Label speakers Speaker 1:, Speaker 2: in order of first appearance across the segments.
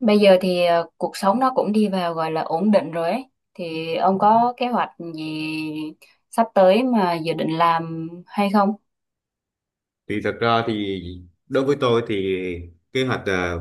Speaker 1: Bây giờ thì cuộc sống nó cũng đi vào gọi là ổn định rồi ấy. Thì ông có kế hoạch gì sắp tới mà dự định làm hay không?
Speaker 2: Thì thật ra thì đối với tôi thì kế hoạch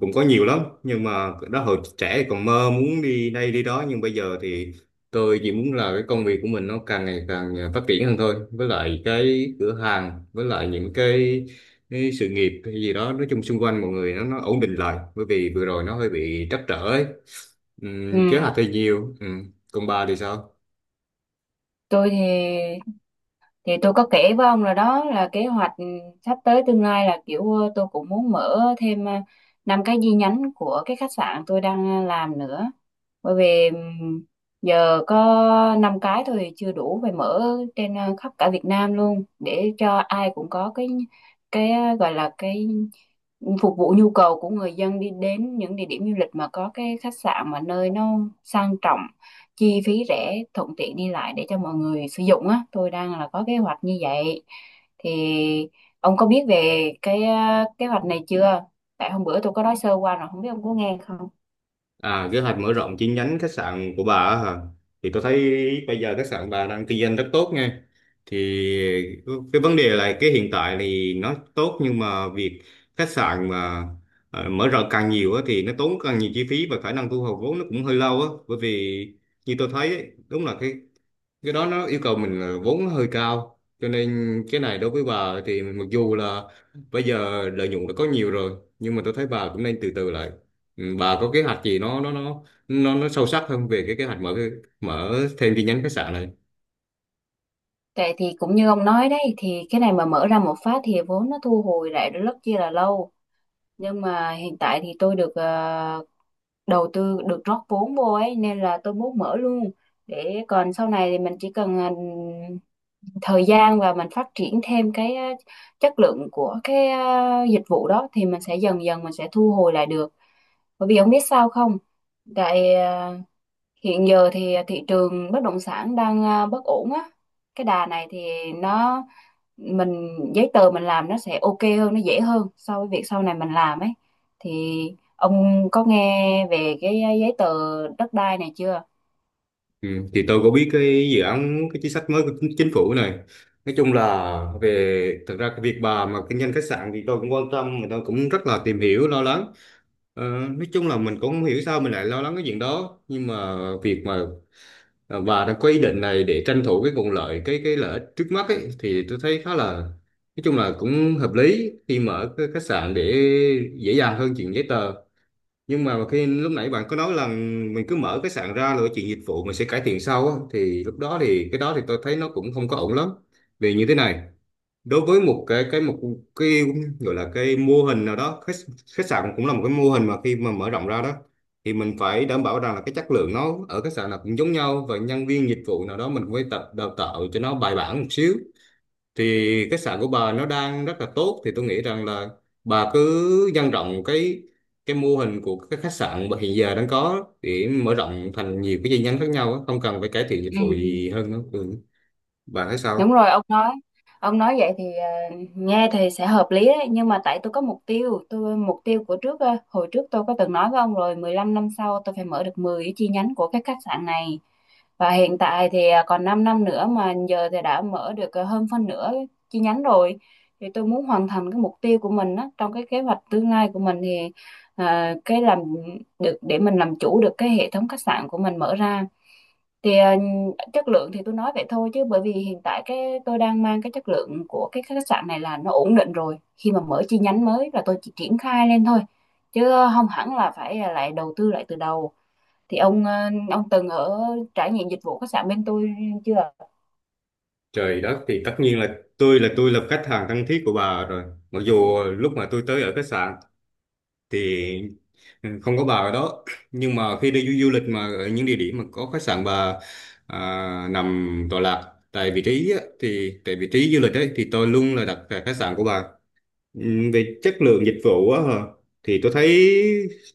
Speaker 2: cũng có nhiều lắm, nhưng mà đó hồi trẻ thì còn mơ muốn đi đây đi đó, nhưng bây giờ thì tôi chỉ muốn là cái công việc của mình nó càng ngày càng phát triển hơn thôi, với lại cái cửa hàng, với lại những cái sự nghiệp hay gì đó, nói chung xung quanh mọi người nó ổn định lại, bởi vì vừa rồi nó hơi bị trắc trở ấy. Kế
Speaker 1: Ừ,
Speaker 2: hoạch thì nhiều. Còn bà thì sao?
Speaker 1: tôi thì tôi có kể với ông rồi đó là kế hoạch sắp tới tương lai là kiểu tôi cũng muốn mở thêm năm cái chi nhánh của cái khách sạn tôi đang làm nữa. Bởi vì giờ có năm cái thôi thì chưa đủ, phải mở trên khắp cả Việt Nam luôn để cho ai cũng có cái gọi là cái phục vụ nhu cầu của người dân đi đến những địa điểm du lịch mà có cái khách sạn mà nơi nó sang trọng, chi phí rẻ, thuận tiện đi lại để cho mọi người sử dụng á. Tôi đang là có kế hoạch như vậy. Thì ông có biết về cái kế hoạch này chưa? Tại hôm bữa tôi có nói sơ qua rồi, không biết ông có nghe không?
Speaker 2: À, kế hoạch mở rộng chi nhánh khách sạn của bà á hả? Thì tôi thấy bây giờ khách sạn bà đang kinh doanh rất tốt nha. Thì cái vấn đề là cái hiện tại thì nó tốt, nhưng mà việc khách sạn mà mở rộng càng nhiều á, thì nó tốn càng nhiều chi phí và khả năng thu hồi vốn nó cũng hơi lâu á. Bởi vì như tôi thấy ấy, đúng là cái đó nó yêu cầu mình là vốn nó hơi cao, cho nên cái này đối với bà thì mặc dù là bây giờ lợi nhuận đã có nhiều rồi, nhưng mà tôi thấy bà cũng nên từ từ lại. Ừ, bà có kế hoạch gì nó sâu sắc hơn về cái kế hoạch mở cái, mở thêm chi nhánh khách sạn này.
Speaker 1: Tại thì cũng như ông nói đấy, thì cái này mà mở ra một phát thì vốn nó thu hồi lại rất chi là lâu, nhưng mà hiện tại thì tôi được đầu tư, được rót vốn vô ấy, nên là tôi muốn mở luôn để còn sau này thì mình chỉ cần thời gian và mình phát triển thêm cái chất lượng của cái dịch vụ đó, thì mình sẽ dần dần mình sẽ thu hồi lại được. Bởi vì ông biết sao không, tại hiện giờ thì thị trường bất động sản đang bất ổn á, cái đà này thì nó mình giấy tờ mình làm nó sẽ ok hơn, nó dễ hơn so với việc sau này mình làm ấy. Thì ông có nghe về cái giấy tờ đất đai này chưa?
Speaker 2: Ừ, thì tôi có biết cái dự án, cái chính sách mới của chính phủ này. Nói chung là về thật ra cái việc bà mà kinh doanh khách sạn thì tôi cũng quan tâm, mà tôi cũng rất là tìm hiểu lo lắng. Ờ, nói chung là mình cũng không hiểu sao mình lại lo lắng cái chuyện đó, nhưng mà việc mà và đã có ý định này để tranh thủ cái nguồn lợi, cái lợi ích trước mắt ấy, thì tôi thấy khá là, nói chung là cũng hợp lý khi mở cái khách sạn để dễ dàng hơn chuyện giấy tờ. Nhưng mà khi lúc nãy bạn có nói là mình cứ mở khách sạn ra rồi chuyện dịch vụ mình sẽ cải thiện sau á, thì lúc đó thì cái đó thì tôi thấy nó cũng không có ổn lắm. Vì như thế này, đối với một cái một cái gọi là cái mô hình nào đó, khách sạn cũng là một cái mô hình mà khi mà mở rộng ra đó thì mình phải đảm bảo rằng là cái chất lượng nó ở khách sạn nào cũng giống nhau, và nhân viên dịch vụ nào đó mình cũng phải tập đào tạo cho nó bài bản một xíu. Thì khách sạn của bà nó đang rất là tốt, thì tôi nghĩ rằng là bà cứ nhân rộng cái mô hình của cái khách sạn mà hiện giờ đang có để mở rộng thành nhiều cái chi nhánh khác nhau á, không cần phải cải thiện dịch
Speaker 1: Ừ.
Speaker 2: vụ gì hơn nữa ừ. Bà thấy
Speaker 1: Đúng
Speaker 2: sao?
Speaker 1: rồi, ông nói vậy thì nghe thì sẽ hợp lý đấy, nhưng mà tại tôi có mục tiêu, tôi mục tiêu của trước hồi trước tôi có từng nói với ông rồi, 15 năm sau tôi phải mở được 10 cái chi nhánh của cái khách sạn này, và hiện tại thì còn 5 năm nữa mà giờ thì đã mở được hơn phân nửa chi nhánh rồi. Thì tôi muốn hoàn thành cái mục tiêu của mình á, trong cái kế hoạch tương lai của mình thì cái làm được để mình làm chủ được cái hệ thống khách sạn của mình mở ra. Thì chất lượng thì tôi nói vậy thôi, chứ bởi vì hiện tại cái tôi đang mang cái chất lượng của cái khách sạn này là nó ổn định rồi, khi mà mở chi nhánh mới là tôi chỉ triển khai lên thôi, chứ không hẳn là phải lại đầu tư lại từ đầu. Thì ông từng ở trải nghiệm dịch vụ khách sạn bên tôi chưa?
Speaker 2: Trời đất, thì tất nhiên là tôi là khách hàng thân thiết của bà rồi. Mặc dù lúc mà tôi tới ở khách sạn thì không có bà ở đó, nhưng mà khi đi du lịch mà ở những địa điểm mà có khách sạn bà nằm tọa lạc tại vị trí á, thì tại vị trí du lịch ấy, thì tôi luôn là đặt tại khách sạn của bà. Ừ, về chất lượng dịch vụ á hả? Thì tôi thấy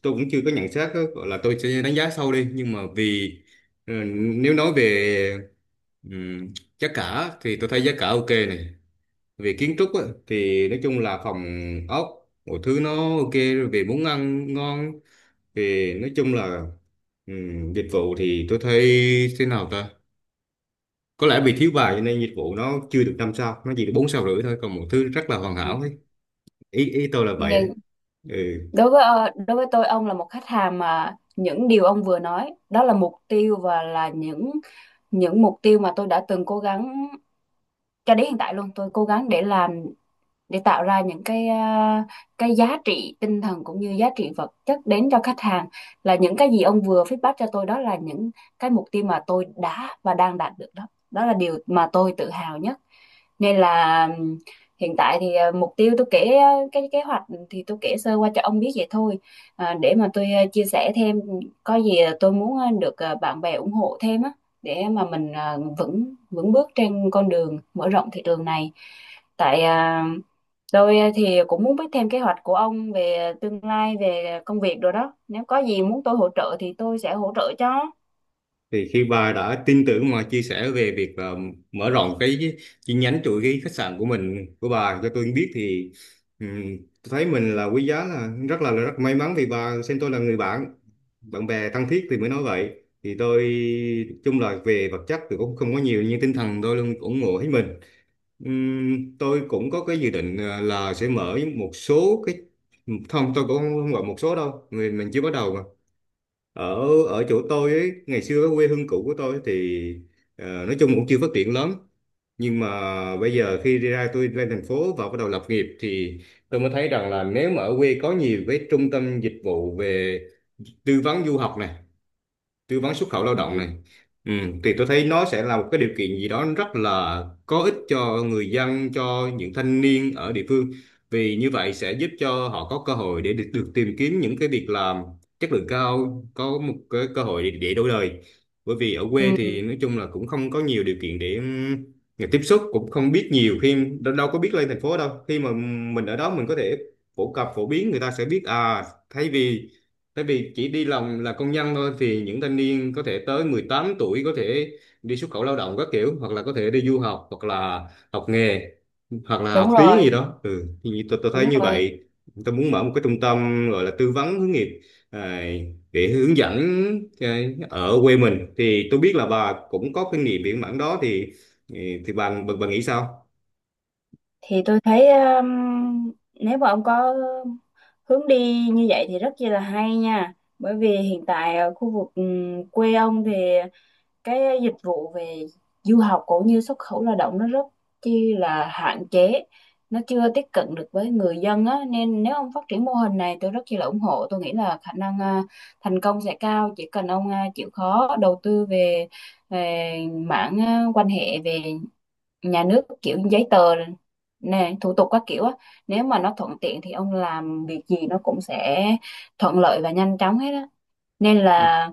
Speaker 2: tôi cũng chưa có nhận xét á, gọi là tôi sẽ đánh giá sâu đi, nhưng mà vì ừ, nếu nói về ừm, giá cả thì tôi thấy giá cả ok này, về kiến trúc á, thì nói chung là phòng ốc mọi thứ nó ok rồi, về món ăn ngon, về nói chung là dịch vụ thì tôi thấy thế nào ta, có lẽ vì thiếu bài cho nên dịch vụ nó chưa được năm sao, nó chỉ được bốn sao rưỡi thôi, còn mọi thứ rất là hoàn
Speaker 1: Ừ.
Speaker 2: hảo ấy. Ý ý tôi là vậy ấy.
Speaker 1: Nhưng
Speaker 2: Ừ,
Speaker 1: đối với đối với tôi, ông là một khách hàng mà những điều ông vừa nói đó là mục tiêu, và là những mục tiêu mà tôi đã từng cố gắng cho đến hiện tại luôn. Tôi cố gắng để làm, để tạo ra những cái cái giá trị tinh thần cũng như giá trị vật chất đến cho khách hàng. Là những cái gì ông vừa feedback cho tôi đó là những cái mục tiêu mà tôi đã và đang đạt được đó, đó là điều mà tôi tự hào nhất. Nên là hiện tại thì mục tiêu tôi kể, cái kế hoạch thì tôi kể sơ qua cho ông biết vậy thôi. Để mà tôi chia sẻ thêm, có gì tôi muốn được bạn bè ủng hộ thêm á, để mà mình vững vững bước trên con đường mở rộng thị trường này. Tại tôi thì cũng muốn biết thêm kế hoạch của ông về tương lai, về công việc rồi đó. Nếu có gì muốn tôi hỗ trợ thì tôi sẽ hỗ trợ cho.
Speaker 2: thì khi bà đã tin tưởng mà chia sẻ về việc mở rộng cái chi nhánh, chuỗi cái khách sạn của mình, của bà cho tôi biết thì ừm, tôi thấy mình là quý giá, là là rất may mắn vì bà xem tôi là người bạn, bạn bè thân thiết thì mới nói vậy. Thì tôi chung là về vật chất thì cũng không có nhiều, nhưng tinh thần tôi luôn ủng hộ hết mình. Tôi cũng có cái dự định là sẽ mở một số cái, không tôi cũng không gọi một số đâu, người mình chưa bắt đầu mà, ở ở chỗ tôi ấy, ngày xưa cái quê hương cũ của tôi thì nói chung cũng chưa phát triển lắm, nhưng mà bây giờ khi đi ra tôi lên thành phố và bắt đầu lập nghiệp thì tôi mới thấy rằng là nếu mà ở quê có nhiều cái trung tâm dịch vụ về tư vấn du học này, tư vấn xuất khẩu lao động này,
Speaker 1: Ừ,
Speaker 2: ừ, thì tôi thấy nó sẽ là một cái điều kiện gì đó rất là có ích cho người dân, cho những thanh niên ở địa phương. Vì như vậy sẽ giúp cho họ có cơ hội để được tìm kiếm những cái việc làm chất lượng cao, có một cái cơ hội để đổi đời. Bởi vì ở quê
Speaker 1: ừ,
Speaker 2: thì nói chung là cũng không có nhiều điều kiện để người tiếp xúc cũng không biết nhiều, khi đâu có biết lên thành phố đâu, khi mà mình ở đó mình có thể phổ cập phổ biến người ta sẽ biết à, thay vì tại vì chỉ đi làm là công nhân thôi, thì những thanh niên có thể tới 18 tuổi có thể đi xuất khẩu lao động các kiểu, hoặc là có thể đi du học, hoặc là học nghề, hoặc là
Speaker 1: đúng
Speaker 2: học tiếng gì
Speaker 1: rồi,
Speaker 2: đó. Ừ, thì tôi thấy
Speaker 1: đúng
Speaker 2: như
Speaker 1: rồi.
Speaker 2: vậy. Tôi muốn mở một cái trung tâm gọi là tư vấn hướng nghiệp à, để hướng dẫn cái- ở quê mình thì tôi biết là bà cũng có kinh nghiệm biển mảng đó thì bà nghĩ sao?
Speaker 1: Thì tôi thấy nếu mà ông có hướng đi như vậy thì rất chi là hay nha. Bởi vì hiện tại ở khu vực quê ông thì cái dịch vụ về du học cũng như xuất khẩu lao động nó rất chi là hạn chế, nó chưa tiếp cận được với người dân á, nên nếu ông phát triển mô hình này tôi rất chi là ủng hộ. Tôi nghĩ là khả năng thành công sẽ cao, chỉ cần ông chịu khó đầu tư về về mảng quan hệ, về nhà nước kiểu giấy tờ nè, thủ tục các kiểu á. Nếu mà nó thuận tiện thì ông làm việc gì nó cũng sẽ thuận lợi và nhanh chóng hết á. Nên là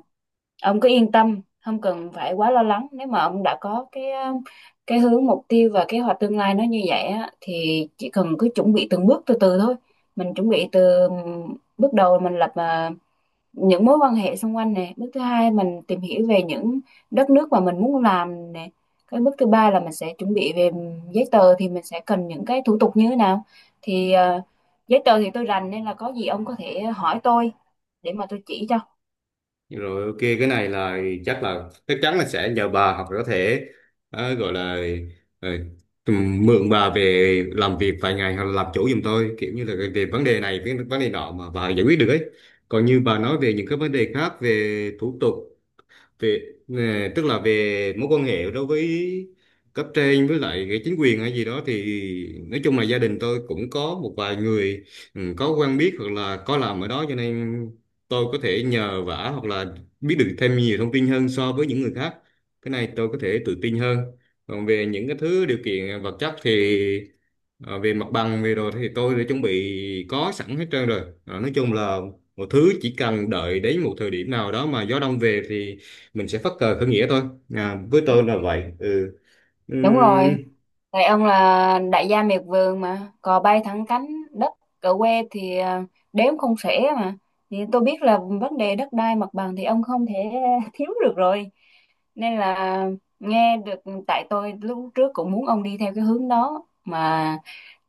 Speaker 1: ông cứ yên tâm, không cần phải quá lo lắng. Nếu mà ông đã có cái hướng mục tiêu và kế hoạch tương lai nó như vậy á, thì chỉ cần cứ chuẩn bị từng bước từ từ thôi. Mình chuẩn bị từ bước đầu mình lập những mối quan hệ xung quanh nè, bước thứ hai mình tìm hiểu về những đất nước mà mình muốn làm nè, cái bước thứ ba là mình sẽ chuẩn bị về giấy tờ thì mình sẽ cần những cái thủ tục như thế nào. Thì giấy tờ thì tôi rành, nên là có gì ông có thể hỏi tôi để mà tôi chỉ cho.
Speaker 2: Rồi ok, cái này là chắc chắn là sẽ nhờ bà, hoặc là có thể gọi là ờ, tùm- mượn bà về làm việc vài ngày, hoặc là làm chủ giùm tôi, kiểu như là về vấn đề này cái vấn đề nọ mà bà giải quyết được ấy. Còn như bà nói về những cái vấn đề khác về thủ tục về nè, tức là về mối quan hệ đối với cấp trên với lại cái chính quyền hay gì đó, thì nói chung là gia đình tôi cũng có một vài người ừ, có quen biết hoặc là có làm ở đó, cho nên tôi có thể nhờ vả hoặc là biết được thêm nhiều thông tin hơn so với những người khác. Cái này tôi có thể tự tin hơn. Còn về những cái thứ điều kiện vật chất thì về mặt bằng về rồi thì tôi đã chuẩn bị có sẵn hết trơn rồi. Ờ, nói chung là một thứ chỉ cần đợi đến một thời điểm nào đó mà gió đông về thì mình sẽ phất cờ khởi nghĩa thôi, à, với tôi là vậy ừ.
Speaker 1: Đúng
Speaker 2: Ừm,
Speaker 1: rồi. Tại ông là đại gia miệt vườn mà, cò bay thẳng cánh, đất ở quê thì đếm không xuể mà. Thì tôi biết là vấn đề đất đai mặt bằng thì ông không thể thiếu được rồi. Nên là nghe được, tại tôi lúc trước cũng muốn ông đi theo cái hướng đó mà,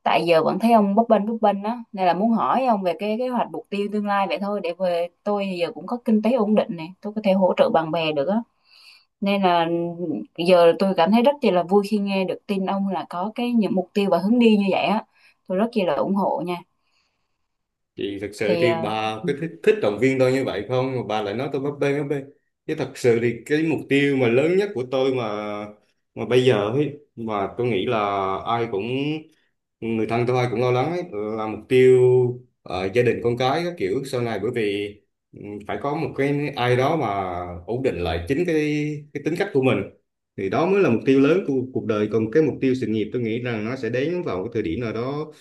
Speaker 1: tại giờ vẫn thấy ông bấp bênh đó, nên là muốn hỏi ông về cái kế hoạch mục tiêu tương lai vậy thôi. Để về tôi giờ cũng có kinh tế ổn định này, tôi có thể hỗ trợ bạn bè được á, nên là giờ tôi cảm thấy rất chi là vui khi nghe được tin ông là có cái những mục tiêu và hướng đi như vậy á, tôi rất chi là ủng hộ nha.
Speaker 2: thì thật sự
Speaker 1: thì
Speaker 2: thì
Speaker 1: ờ,
Speaker 2: bà
Speaker 1: ừ.
Speaker 2: cứ thích động viên tôi như vậy không, mà bà lại nói tôi bấp bênh bấp bênh. Chứ thật sự thì cái mục tiêu mà lớn nhất của tôi mà bây giờ ấy mà tôi nghĩ là ai cũng, người thân tôi cũng lo lắng ấy, là mục tiêu gia đình con cái các kiểu sau này. Bởi vì ừ, phải có một cái ai đó mà ổn định lại chính cái tính cách của mình, thì đó mới là mục tiêu lớn của cuộc đời. Còn cái mục tiêu sự nghiệp tôi nghĩ rằng nó sẽ đến vào cái thời điểm nào đó,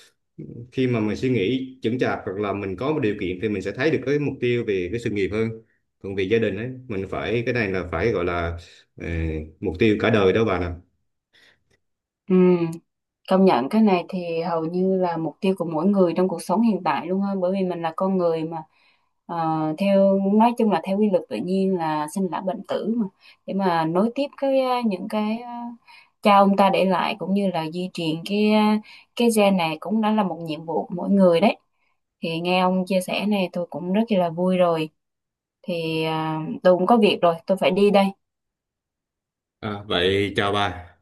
Speaker 2: khi mà mình suy nghĩ chững chạc hoặc là mình có một điều kiện thì mình sẽ thấy được cái mục tiêu về cái sự nghiệp hơn. Còn về gia đình ấy mình phải, cái này là phải gọi là ờ, mục tiêu cả đời đó bà nè.
Speaker 1: Ừ, công nhận cái này thì hầu như là mục tiêu của mỗi người trong cuộc sống hiện tại luôn á, bởi vì mình là con người mà. Ờ, theo nói chung là theo quy luật tự nhiên là sinh lão bệnh tử mà, để mà nối tiếp cái những cái cha ông ta để lại, cũng như là di truyền cái cái gen này, cũng đã là một nhiệm vụ của mỗi người đấy. Thì nghe ông chia sẻ này tôi cũng rất là vui rồi. Thì tôi cũng có việc rồi, tôi phải đi đây.
Speaker 2: À, vậy chào bà.